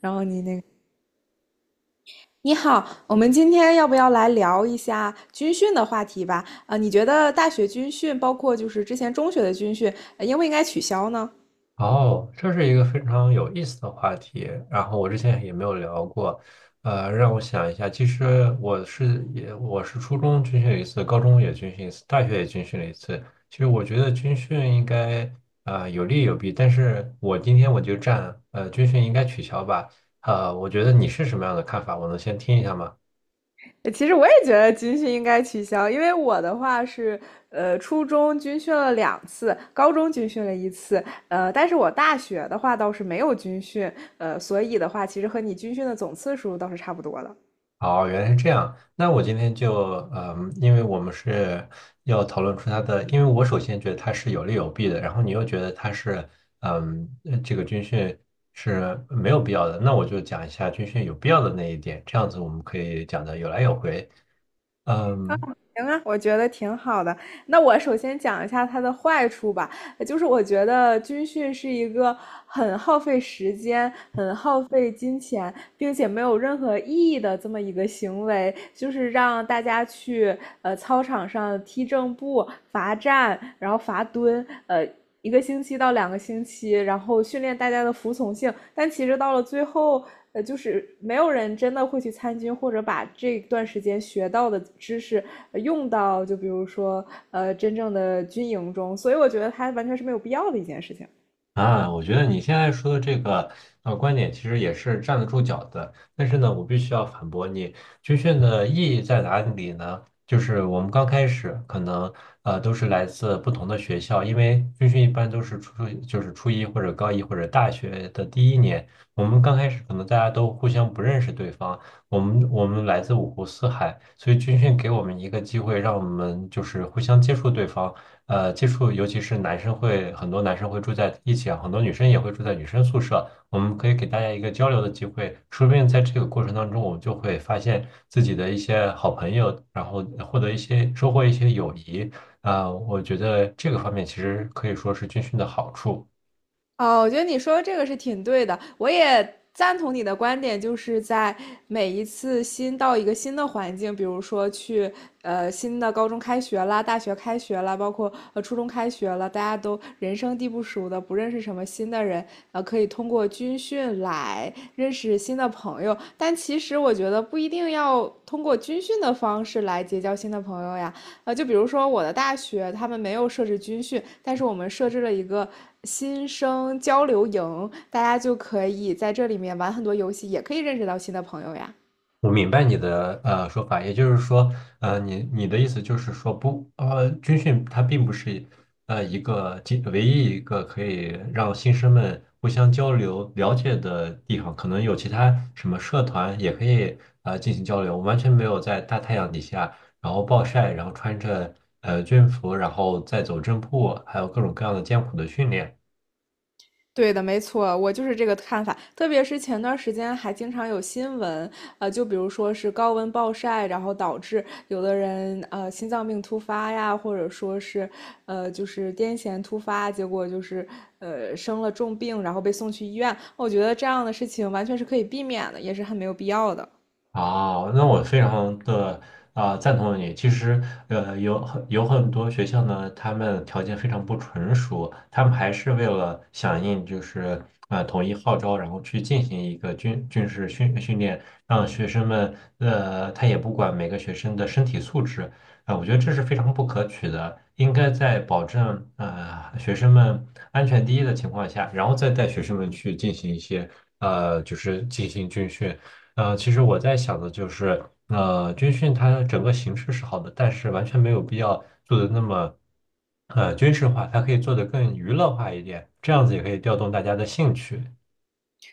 然后你那个，你好，我们今天要不要来聊一下军训的话题吧？啊、你觉得大学军训，包括就是之前中学的军训，应不应该取消呢？哦，这是一个非常有意思的话题，然后我之前也没有聊过，让我想一下。其实我是初中军训了一次，高中也军训一次，大学也军训了一次。其实我觉得军训应该有利有弊，但是我今天就站军训应该取消吧。我觉得你是什么样的看法？我能先听一下吗？其实我也觉得军训应该取消，因为我的话是，初中军训了两次，高中军训了一次，但是我大学的话倒是没有军训，所以的话，其实和你军训的总次数倒是差不多的。哦，原来是这样。那我今天就，嗯，因为我们是要讨论出它的，因为我首先觉得它是有利有弊的，然后你又觉得它是，嗯，这个军训是没有必要的，那我就讲一下军训有必要的那一点，这样子我们可以讲的有来有回。嗯。行啊，我觉得挺好的。那我首先讲一下它的坏处吧，就是我觉得军训是一个很耗费时间、很耗费金钱，并且没有任何意义的这么一个行为，就是让大家去操场上踢正步、罚站，然后罚蹲。一个星期到两个星期，然后训练大家的服从性。但其实到了最后，就是没有人真的会去参军，或者把这段时间学到的知识用到，就比如说真正的军营中。所以我觉得它完全是没有必要的一件事情。啊，我觉得你现在说的这个观点其实也是站得住脚的，但是呢，我必须要反驳你。军训的意义在哪里呢？就是我们刚开始可能都是来自不同的学校，因为军训一般都是初就是初一或者高一或者大学的第一年，我们刚开始可能大家都互相不认识对方，我们来自五湖四海，所以军训给我们一个机会，让我们就是互相接触对方。呃接触，尤其是男生会很多男生会住在一起啊，很多女生也会住在女生宿舍，我们可以给大家一个交流的机会，说不定在这个过程当中，我们就会发现自己的一些好朋友，然后获得一些收获一些友谊啊，我觉得这个方面其实可以说是军训的好处。哦，我觉得你说的这个是挺对的，我也赞同你的观点，就是在每一次新到一个新的环境，比如说去新的高中开学啦、大学开学啦，包括初中开学了，大家都人生地不熟的，不认识什么新的人，可以通过军训来认识新的朋友。但其实我觉得不一定要通过军训的方式来结交新的朋友呀，就比如说我的大学，他们没有设置军训，但是我们设置了一个新生交流营，大家就可以在这里面玩很多游戏，也可以认识到新的朋友呀。我明白你的说法，也就是说，呃，你的意思就是说不，呃，军训它并不是呃一个仅唯一一个可以让新生们互相交流了解的地方，可能有其他什么社团也可以进行交流。我完全没有在大太阳底下，然后暴晒，然后穿着军服，然后再走正步，还有各种各样的艰苦的训练。对的，没错，我就是这个看法。特别是前段时间还经常有新闻，就比如说是高温暴晒，然后导致有的人心脏病突发呀，或者说是就是癫痫突发，结果就是生了重病，然后被送去医院。我觉得这样的事情完全是可以避免的，也是很没有必要的。啊，那我非常的赞同你。其实，呃，有很多学校呢，他们条件非常不成熟，他们还是为了响应统一号召，然后去进行一个军事训练，让学生们他也不管每个学生的身体素质啊、我觉得这是非常不可取的。应该在保证学生们安全第一的情况下，然后再带学生们去进行一些进行军训。呃，其实我在想的就是，呃，军训它整个形式是好的，但是完全没有必要做的那么，呃，军事化，它可以做得更娱乐化一点，这样子也可以调动大家的兴趣。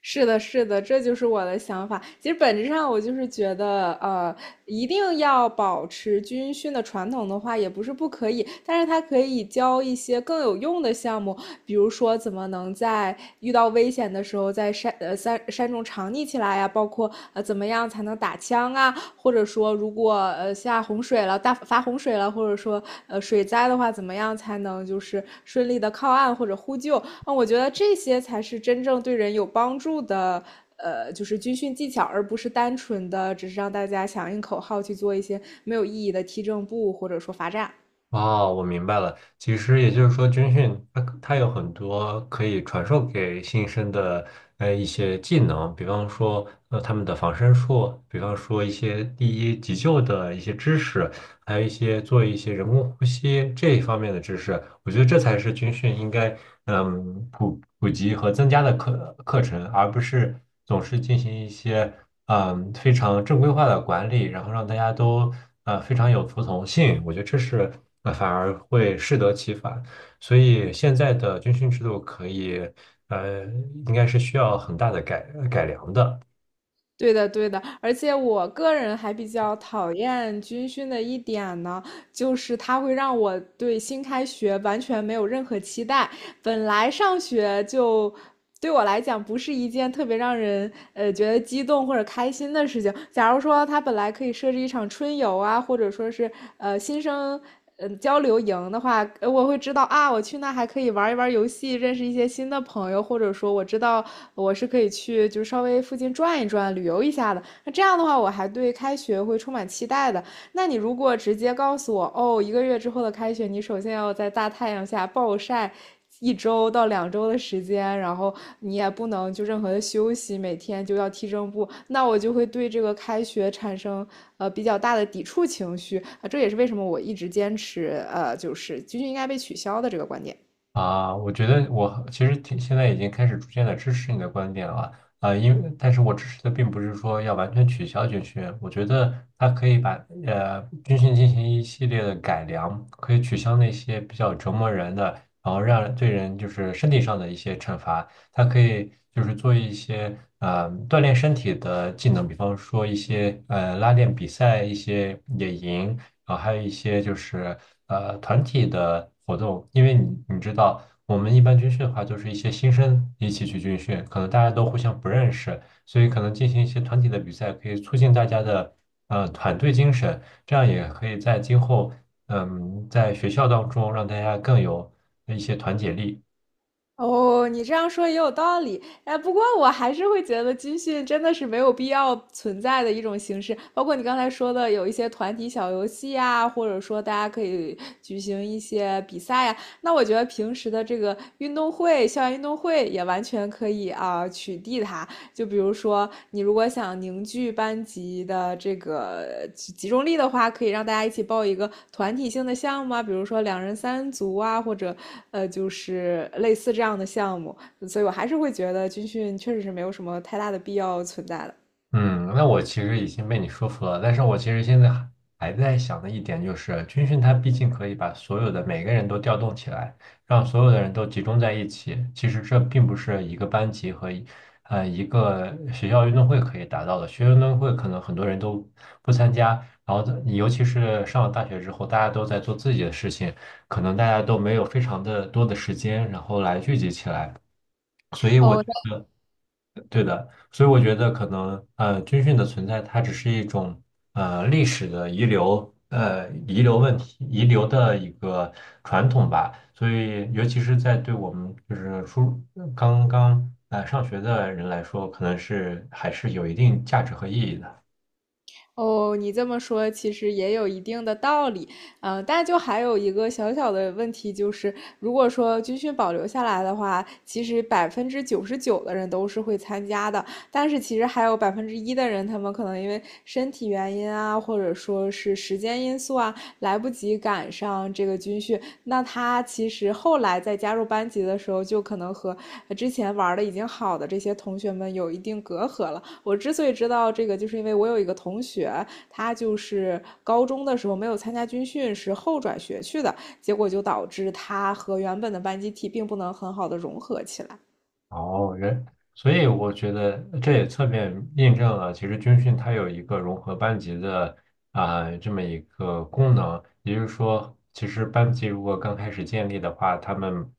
是的，是的，这就是我的想法。其实本质上，我就是觉得，一定要保持军训的传统的话，也不是不可以，但是它可以教一些更有用的项目，比如说怎么能在遇到危险的时候在山中藏匿起来呀、包括怎么样才能打枪啊。啊或者说如果下洪水了、大发洪水了，或者说水灾的话，怎么样才能就是顺利的靠岸或者呼救？啊，嗯我觉得这些才是真正对人有帮助的。就是军训技巧，而不是单纯的只是让大家响应口号去做一些没有意义的踢正步或者说罚站。哦，我明白了。其实也就是说，军训它有很多可以传授给新生的一些技能，比方说他们的防身术，比方说一些第一急救的一些知识，还有一些做一些人工呼吸这一方面的知识。我觉得这才是军训应该嗯普及和增加的课程，而不是总是进行一些嗯非常正规化的管理，然后让大家都非常有服从性。我觉得这是。那反而会适得其反。所以现在的军训制度可以，呃，应该是需要很大的改良的。对的，对的，而且我个人还比较讨厌军训的一点呢，就是它会让我对新开学完全没有任何期待。本来上学就对我来讲不是一件特别让人觉得激动或者开心的事情。假如说他本来可以设置一场春游啊，或者说是新生交流营的话，我会知道啊，我去那还可以玩一玩游戏，认识一些新的朋友，或者说我知道我是可以去就稍微附近转一转、旅游一下的。那这样的话，我还对开学会充满期待的。那你如果直接告诉我，哦，一个月之后的开学，你首先要在大太阳下暴晒一周到两周的时间，然后你也不能就任何的休息，每天就要踢正步，那我就会对这个开学产生比较大的抵触情绪啊，这也是为什么我一直坚持就是军训应该被取消的这个观点。啊，我觉得我其实挺现在已经开始逐渐的支持你的观点了啊，因为但是我支持的并不是说要完全取消军训，我觉得它可以把军训进行一系列的改良，可以取消那些比较折磨人的，然后让对人就是身体上的一些惩罚，它可以就是做一些锻炼身体的技能，比方说一些拉练比赛、一些野营。啊，还有一些就是团体的活动，因为你知道，我们一般军训的话，就是一些新生一起去军训，可能大家都互相不认识，所以可能进行一些团体的比赛，可以促进大家的团队精神，这样也可以在今后嗯在学校当中让大家更有一些团结力。哦，你这样说也有道理，哎，不过我还是会觉得军训真的是没有必要存在的一种形式，包括你刚才说的有一些团体小游戏啊，或者说大家可以举行一些比赛呀，那我觉得平时的这个运动会、校园运动会也完全可以啊，取缔它。就比如说，你如果想凝聚班级的这个集中力的话，可以让大家一起报一个团体性的项目啊，比如说两人三足啊，或者就是类似这样的项目。所以我还是会觉得军训确实是没有什么太大的必要存在的。嗯，那我其实已经被你说服了，但是我其实现在还在想的一点就是，军训它毕竟可以把所有的每个人都调动起来，让所有的人都集中在一起。其实这并不是一个班级和一个学校运动会可以达到的。学校运动会可能很多人都不参加，然后尤其是上了大学之后，大家都在做自己的事情，可能大家都没有非常的多的时间，然后来聚集起来。哦对的，所以我觉得可能呃，军训的存在它只是一种历史的遗留，呃遗留问题，遗留的一个传统吧。所以，尤其是在对我们就是初刚刚上学的人来说，可能是还是有一定价值和意义的。哦，你这么说其实也有一定的道理，但就还有一个小小的问题，就是如果说军训保留下来的话，其实99%的人都是会参加的，但是其实还有1%的人，他们可能因为身体原因啊，或者说是时间因素啊，来不及赶上这个军训。那他其实后来在加入班级的时候，就可能和之前玩的已经好的这些同学们有一定隔阂了。我之所以知道这个，就是因为我有一个同学，他就是高中的时候没有参加军训，是后转学去的，结果就导致他和原本的班集体并不能很好的融合起来。哦，人，所以我觉得这也侧面印证了，其实军训它有一个融合班级的这么一个功能，也就是说，其实班级如果刚开始建立的话，他们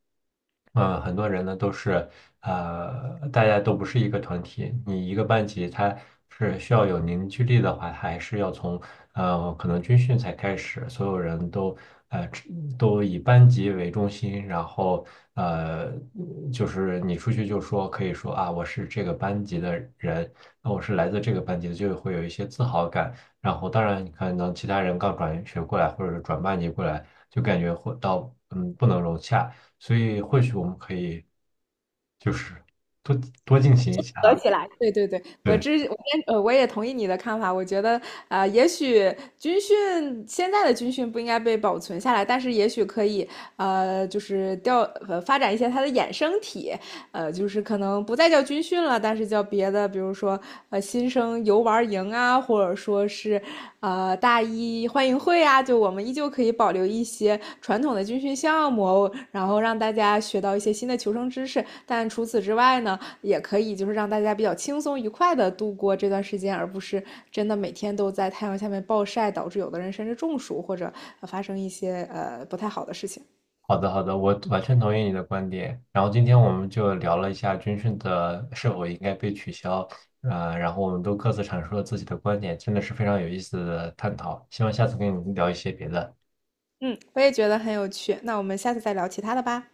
很多人呢都是大家都不是一个团体，你一个班级它。是需要有凝聚力的话，还是要从可能军训才开始，所有人都呃只都以班级为中心，然后呃就是你出去就说可以说啊我是这个班级的人，那我是来自这个班级的，就会有一些自豪感。然后当然你可能其他人刚转学过来或者是转班级过来，就感觉会到嗯不能融洽，所以或许我们可以就是多多进行一下啊，对对对，我对。之我先呃我也同意你的看法，我觉得也许现在的军训不应该被保存下来，但是也许可以呃就是调呃发展一些它的衍生体，就是可能不再叫军训了，但是叫别的，比如说新生游玩营啊，或者说是大一欢迎会啊，就我们依旧可以保留一些传统的军训项目，然后让大家学到一些新的求生知识。但除此之外呢，也可以就是让大家比较轻松愉快的度过这段时间，而不是真的每天都在太阳下面暴晒，导致有的人甚至中暑或者发生一些不太好的事情。好的，好的，我完全同意你的观点。然后今天我们就聊了一下军训的是否应该被取消，呃，然后我们都各自阐述了自己的观点，真的是非常有意思的探讨。希望下次跟你聊一些别的。嗯，我也觉得很有趣。那我们下次再聊其他的吧。